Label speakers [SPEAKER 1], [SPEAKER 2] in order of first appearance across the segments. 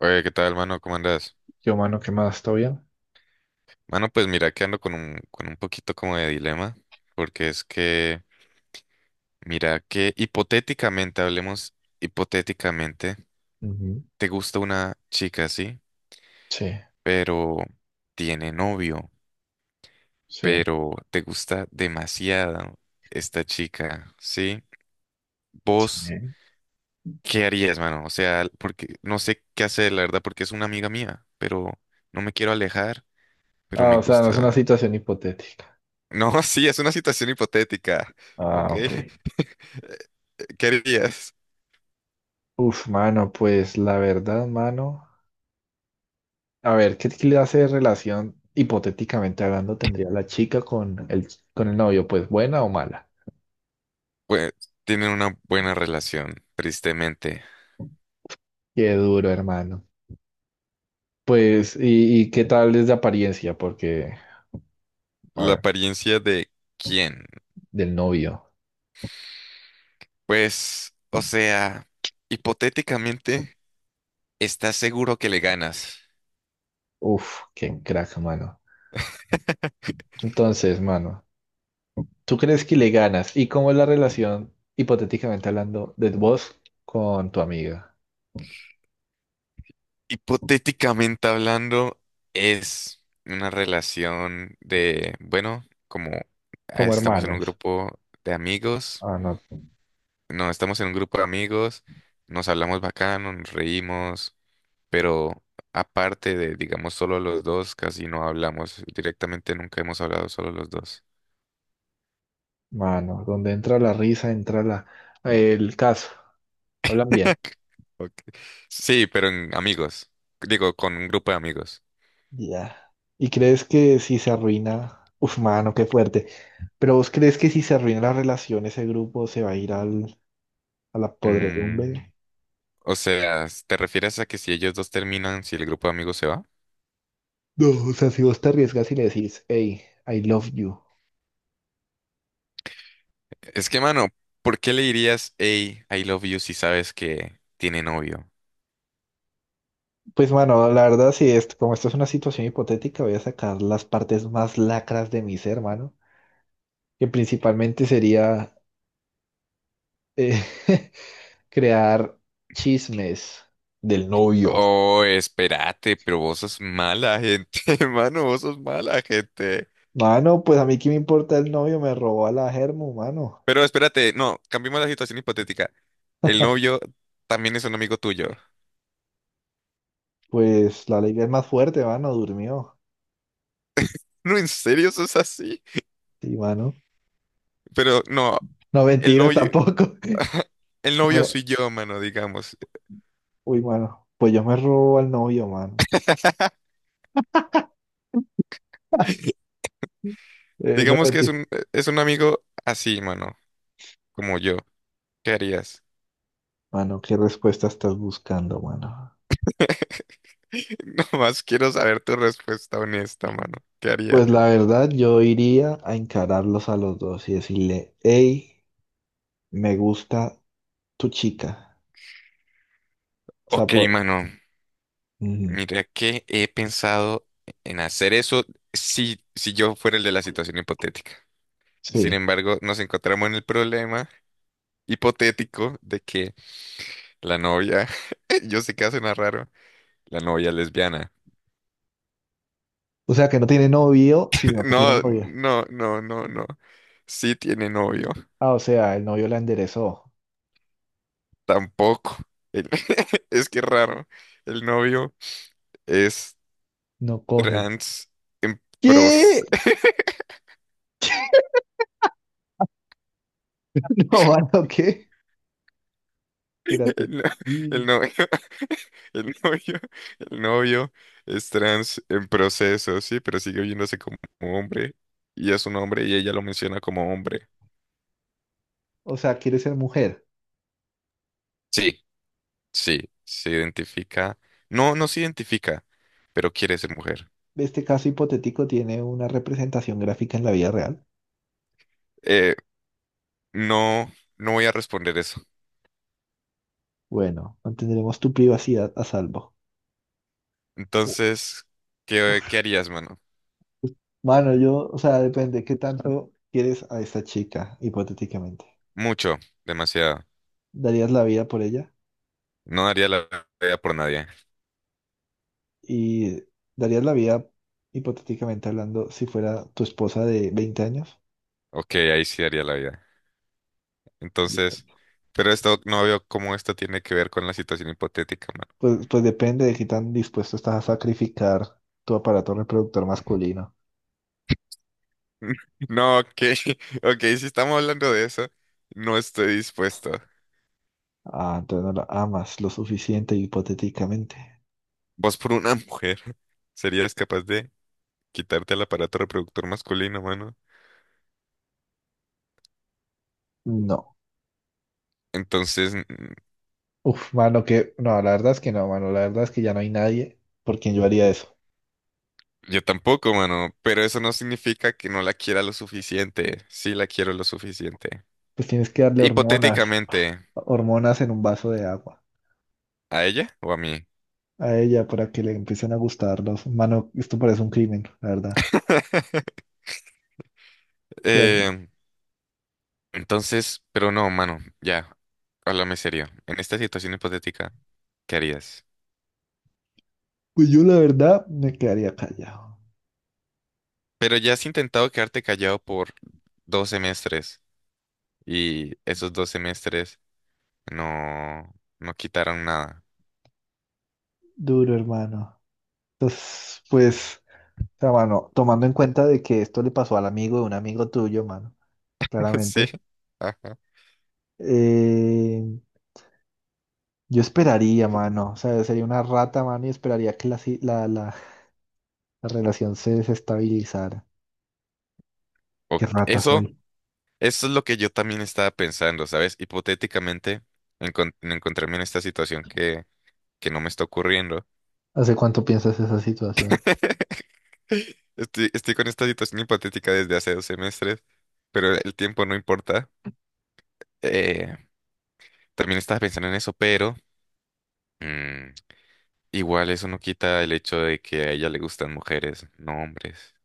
[SPEAKER 1] Oye, ¿qué tal, mano? ¿Cómo andas?
[SPEAKER 2] Yo, mano, ¿qué más? ¿Todo bien?
[SPEAKER 1] Mano, pues mira que ando con con un poquito como de dilema, porque es que, mira que hipotéticamente, hablemos hipotéticamente,
[SPEAKER 2] Ujú.
[SPEAKER 1] te gusta una chica, sí,
[SPEAKER 2] Sí,
[SPEAKER 1] pero tiene novio,
[SPEAKER 2] sí,
[SPEAKER 1] pero te gusta demasiado esta chica, sí. ¿Vos
[SPEAKER 2] sí.
[SPEAKER 1] qué harías, mano? O sea, porque no sé qué hacer, la verdad, porque es una amiga mía, pero no me quiero alejar, pero
[SPEAKER 2] Ah,
[SPEAKER 1] me
[SPEAKER 2] o sea, no es
[SPEAKER 1] gusta.
[SPEAKER 2] una situación hipotética.
[SPEAKER 1] No, sí, es una situación hipotética. ¿Ok?
[SPEAKER 2] Ah, ok.
[SPEAKER 1] ¿Qué harías?
[SPEAKER 2] Uf, mano, pues la verdad, mano. A ver, ¿qué clase de relación, hipotéticamente hablando, tendría la chica con el novio? Pues buena o mala.
[SPEAKER 1] Pues tienen una buena relación, tristemente.
[SPEAKER 2] Qué duro, hermano. Pues, ¿y qué tal es de apariencia? Porque, a
[SPEAKER 1] ¿La
[SPEAKER 2] ver,
[SPEAKER 1] apariencia de quién?
[SPEAKER 2] del novio.
[SPEAKER 1] Pues, o sea, hipotéticamente, estás seguro que le ganas.
[SPEAKER 2] Uf, qué crack, mano. Entonces, mano. ¿Tú crees que le ganas? ¿Y cómo es la relación, hipotéticamente hablando, de vos con tu amiga?
[SPEAKER 1] Hipotéticamente hablando, es una relación de, bueno, como
[SPEAKER 2] Como
[SPEAKER 1] estamos en un
[SPEAKER 2] hermanos.
[SPEAKER 1] grupo de amigos,
[SPEAKER 2] Ah, no,
[SPEAKER 1] no, estamos en un grupo de amigos, nos hablamos bacano, nos reímos, pero aparte de, digamos, solo los dos, casi no hablamos. Directamente nunca hemos hablado solo los dos.
[SPEAKER 2] mano. Donde entra la risa, entra la, el caso. Hablan bien.
[SPEAKER 1] Ok. Sí, pero en amigos. Digo, con un grupo de amigos.
[SPEAKER 2] Ya. ¿Y crees que si se arruina? Uf, mano, qué fuerte. ¿Pero vos crees que si se arruina la relación, ese grupo se va a ir al, a la
[SPEAKER 1] Mm,
[SPEAKER 2] podredumbre?
[SPEAKER 1] o sea, ¿te refieres a que si ellos dos terminan, si el grupo de amigos se va?
[SPEAKER 2] No, o sea, si vos te arriesgas y le decís, hey, I love you.
[SPEAKER 1] Es que, mano, ¿por qué le dirías, hey, I love you, si sabes que tiene novio?
[SPEAKER 2] Pues bueno, la verdad, si es, como esto es una situación hipotética, voy a sacar las partes más lacras de mi ser, hermano, que principalmente sería eh, crear chismes del novio.
[SPEAKER 1] Oh, espérate, pero vos sos mala gente, mano, vos sos mala gente.
[SPEAKER 2] Mano, pues a mí qué me importa el novio, me robó a la Germu, mano.
[SPEAKER 1] Pero espérate, no, cambiemos la situación hipotética. El novio también es un amigo tuyo.
[SPEAKER 2] Pues la ley es más fuerte, mano, durmió.
[SPEAKER 1] No, en serio, eso es así.
[SPEAKER 2] Sí, mano.
[SPEAKER 1] Pero no,
[SPEAKER 2] No,
[SPEAKER 1] el
[SPEAKER 2] mentira,
[SPEAKER 1] novio,
[SPEAKER 2] tampoco. Que
[SPEAKER 1] el novio
[SPEAKER 2] me-
[SPEAKER 1] soy yo, mano, digamos.
[SPEAKER 2] Uy, mano, pues yo me robo al novio, mano. No,
[SPEAKER 1] Digamos que es
[SPEAKER 2] mentira.
[SPEAKER 1] un, es un amigo así, mano, como yo. ¿Qué harías?
[SPEAKER 2] Mano, ¿qué respuesta estás buscando, mano?
[SPEAKER 1] Nomás quiero saber tu respuesta honesta, mano. ¿Qué harías?
[SPEAKER 2] Pues la verdad, yo iría a encararlos a los dos y decirle, hey, me gusta tu chica. O sea,
[SPEAKER 1] Ok,
[SPEAKER 2] por...
[SPEAKER 1] mano.
[SPEAKER 2] Ujú.
[SPEAKER 1] Mira que he pensado en hacer eso si yo fuera el de la situación hipotética. Sin
[SPEAKER 2] Sí.
[SPEAKER 1] embargo, nos encontramos en el problema hipotético de que la novia. Yo sé que suena raro. La novia lesbiana.
[SPEAKER 2] O sea, que no tiene novio, sino que tiene
[SPEAKER 1] No,
[SPEAKER 2] novia.
[SPEAKER 1] no, no, no, no. Sí tiene novio.
[SPEAKER 2] Ah, o sea, el novio la enderezó.
[SPEAKER 1] Tampoco. El- Es que es raro. El novio es
[SPEAKER 2] No coge.
[SPEAKER 1] trans pros.
[SPEAKER 2] ¿Qué? No, mano, ¿qué?
[SPEAKER 1] El,
[SPEAKER 2] Espérate.
[SPEAKER 1] no- el
[SPEAKER 2] Sí.
[SPEAKER 1] novio, el novio, el novio es trans en proceso, sí, pero sigue viéndose como hombre. Y es un hombre y ella lo menciona como hombre.
[SPEAKER 2] O sea, quiere ser mujer.
[SPEAKER 1] Sí. Sí, se identifica. No, no se identifica, pero quiere ser mujer.
[SPEAKER 2] Este caso hipotético tiene una representación gráfica en la vida real.
[SPEAKER 1] Eh, no, no voy a responder eso.
[SPEAKER 2] Bueno, mantendremos tu privacidad a salvo.
[SPEAKER 1] Entonces, ¿qué harías, mano?
[SPEAKER 2] Mano, yo, o sea, depende qué tanto quieres a esta chica, hipotéticamente.
[SPEAKER 1] Mucho, demasiado.
[SPEAKER 2] ¿Darías la vida por ella?
[SPEAKER 1] No daría la vida por nadie.
[SPEAKER 2] ¿Y darías la vida, hipotéticamente hablando, si fuera tu esposa de 20 años?
[SPEAKER 1] Ok, ahí sí daría la vida. Entonces, pero esto no veo cómo esto tiene que ver con la situación hipotética, mano.
[SPEAKER 2] Pues depende de qué tan dispuesto estás a sacrificar tu aparato reproductor masculino.
[SPEAKER 1] No, ok, ok, si estamos hablando de eso, no estoy dispuesto.
[SPEAKER 2] Ah, entonces no la amas lo suficiente, hipotéticamente.
[SPEAKER 1] Vos por una mujer, ¿serías capaz de quitarte el aparato reproductor masculino, mano?
[SPEAKER 2] No.
[SPEAKER 1] Entonces,
[SPEAKER 2] Uf, mano, no, la verdad es que no, mano. La verdad es que ya no hay nadie por quien yo haría eso.
[SPEAKER 1] yo tampoco, mano, pero eso no significa que no la quiera lo suficiente. Sí la quiero lo suficiente.
[SPEAKER 2] Pues tienes que darle hormonas.
[SPEAKER 1] Hipotéticamente,
[SPEAKER 2] hormonas en un vaso de agua
[SPEAKER 1] ¿a ella o a mí?
[SPEAKER 2] a ella para que le empiecen a gustar los... Mano, esto parece un crimen, la verdad. Ya,
[SPEAKER 1] Eh, entonces, pero no, mano, ya, háblame serio. En esta situación hipotética, ¿qué harías?
[SPEAKER 2] pues yo la verdad me quedaría callado.
[SPEAKER 1] Pero ya has intentado quedarte callado por 2 semestres y esos 2 semestres no, no quitaron nada.
[SPEAKER 2] Duro, hermano. Entonces, pues, o sea, mano, tomando en cuenta de que esto le pasó al amigo de un amigo tuyo, mano,
[SPEAKER 1] Sí.
[SPEAKER 2] claramente,
[SPEAKER 1] Ajá.
[SPEAKER 2] eh, yo esperaría, mano, o sea, sería una rata, mano, y esperaría que la, si- la relación se desestabilizara.
[SPEAKER 1] O
[SPEAKER 2] Qué rata
[SPEAKER 1] eso.
[SPEAKER 2] soy.
[SPEAKER 1] Eso es lo que yo también estaba pensando, ¿sabes? Hipotéticamente, encontrarme en esta situación que no me está ocurriendo.
[SPEAKER 2] ¿Hace cuánto piensas esa situación?
[SPEAKER 1] Estoy con esta situación hipotética desde hace 2 semestres, pero el tiempo no importa. Eh, también estaba pensando en eso, pero mm, igual eso no quita el hecho de que a ella le gustan mujeres, no hombres.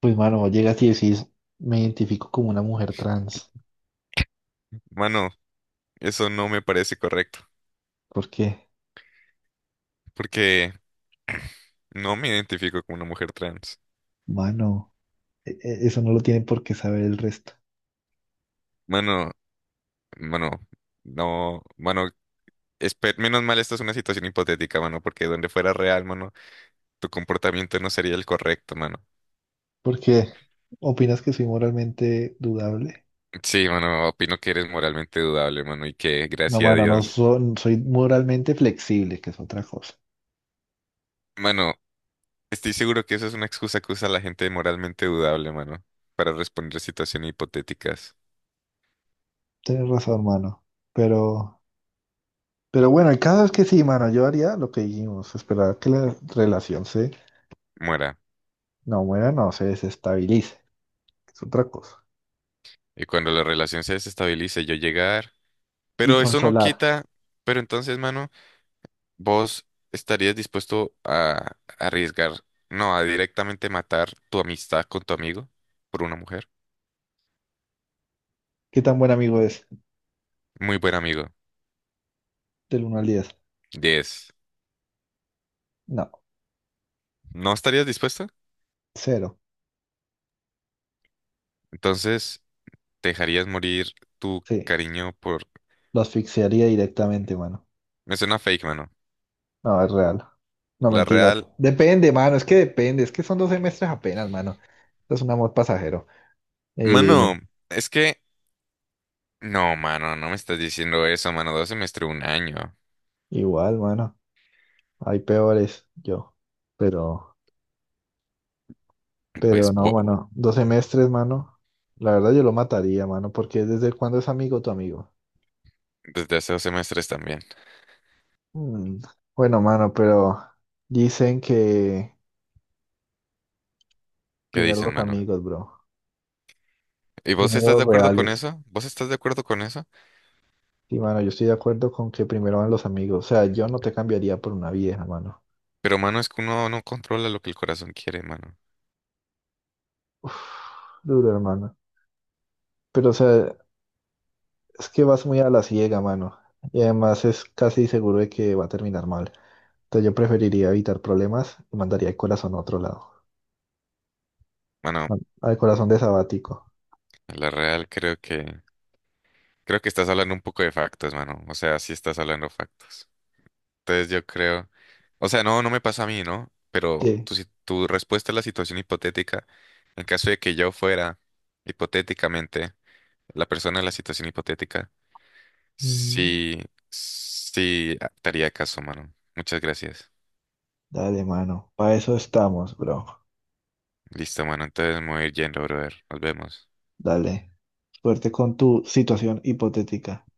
[SPEAKER 2] Pues, mano, vos llegas y decís, me identifico como una mujer trans.
[SPEAKER 1] Mano, eso no me parece correcto,
[SPEAKER 2] ¿Por qué?
[SPEAKER 1] porque no me identifico como una mujer trans.
[SPEAKER 2] Mano, eso no lo tienen por qué saber el resto.
[SPEAKER 1] Mano, mano, no, mano, espe- menos mal, esta es una situación hipotética, mano, porque donde fuera real, mano, tu comportamiento no sería el correcto, mano.
[SPEAKER 2] ¿Por qué? ¿Opinas que soy moralmente dudable?
[SPEAKER 1] Sí, mano, opino que eres moralmente dudable, mano, y que,
[SPEAKER 2] No,
[SPEAKER 1] gracias a
[SPEAKER 2] mano, no
[SPEAKER 1] Dios,
[SPEAKER 2] son- soy moralmente flexible, que es otra cosa.
[SPEAKER 1] mano, estoy seguro que eso es una excusa que usa la gente moralmente dudable, mano, para responder situaciones hipotéticas.
[SPEAKER 2] Tienes razón, mano. Pero, pero bueno, el caso es que sí, mano, yo haría lo que dijimos, esperar que la relación se,
[SPEAKER 1] Muera.
[SPEAKER 2] no muera, no se desestabilice, que es otra cosa.
[SPEAKER 1] Y cuando la relación se desestabilice, yo llegar.
[SPEAKER 2] Y
[SPEAKER 1] Pero eso no
[SPEAKER 2] consolar.
[SPEAKER 1] quita, pero entonces, mano. ¿Vos estarías dispuesto a arriesgar, no, a directamente matar tu amistad con tu amigo por una mujer?
[SPEAKER 2] ¿Qué tan buen amigo es?
[SPEAKER 1] Muy buen amigo.
[SPEAKER 2] Del 1 al 10.
[SPEAKER 1] 10.
[SPEAKER 2] No,
[SPEAKER 1] ¿No estarías dispuesta?
[SPEAKER 2] cero.
[SPEAKER 1] Entonces, ¿te dejarías morir tu
[SPEAKER 2] Sí.
[SPEAKER 1] cariño por...
[SPEAKER 2] Lo asfixiaría directamente, mano.
[SPEAKER 1] Me suena fake, mano.
[SPEAKER 2] No, es real. No,
[SPEAKER 1] La
[SPEAKER 2] mentiras.
[SPEAKER 1] real...
[SPEAKER 2] Depende, mano. Es que depende. Es que son 2 semestres apenas, mano. Esto es un amor pasajero. Eh,
[SPEAKER 1] Mano, es que... No, mano, no me estás diciendo eso, mano. 2 semestres, 1 año.
[SPEAKER 2] igual, mano. Hay peores, yo. Pero,
[SPEAKER 1] Pues
[SPEAKER 2] pero no,
[SPEAKER 1] bo-
[SPEAKER 2] mano. 2 semestres, mano. La verdad yo lo mataría, mano. Porque desde cuándo es amigo tu amigo.
[SPEAKER 1] desde hace dos semestres también.
[SPEAKER 2] Mm, Bueno, mano, pero dicen que
[SPEAKER 1] ¿Qué
[SPEAKER 2] primero
[SPEAKER 1] dicen,
[SPEAKER 2] los
[SPEAKER 1] mano?
[SPEAKER 2] amigos, bro.
[SPEAKER 1] ¿Y vos estás
[SPEAKER 2] Primero
[SPEAKER 1] de
[SPEAKER 2] los
[SPEAKER 1] acuerdo con
[SPEAKER 2] reales.
[SPEAKER 1] eso? ¿Vos estás de acuerdo con eso?
[SPEAKER 2] Sí, mano, yo estoy de acuerdo con que primero van los amigos. O sea, yo no te cambiaría por una vieja, mano.
[SPEAKER 1] Pero, mano, es que uno no controla lo que el corazón quiere, mano.
[SPEAKER 2] Uf, duro, hermano. Pero, o sea, es que vas muy a la ciega, mano. Y además es casi seguro de que va a terminar mal. Entonces yo preferiría evitar problemas y mandaría el corazón a otro lado.
[SPEAKER 1] Mano,
[SPEAKER 2] Al corazón de sabático.
[SPEAKER 1] a la real creo que... Creo que estás hablando un poco de factos, mano. O sea, sí estás hablando factos. Entonces yo creo... O sea, no, no me pasa a mí, ¿no? Pero
[SPEAKER 2] Sí.
[SPEAKER 1] tu, si- tu respuesta a la situación hipotética, en caso de que yo fuera, hipotéticamente, la persona en la situación hipotética,
[SPEAKER 2] Mm,
[SPEAKER 1] sí, sí, te haría caso, mano. Muchas gracias.
[SPEAKER 2] Dale, mano. Para eso estamos, bro.
[SPEAKER 1] Listo, mano. Entonces me voy a ir yendo, brother. Nos vemos.
[SPEAKER 2] Dale. Suerte con tu situación hipotética.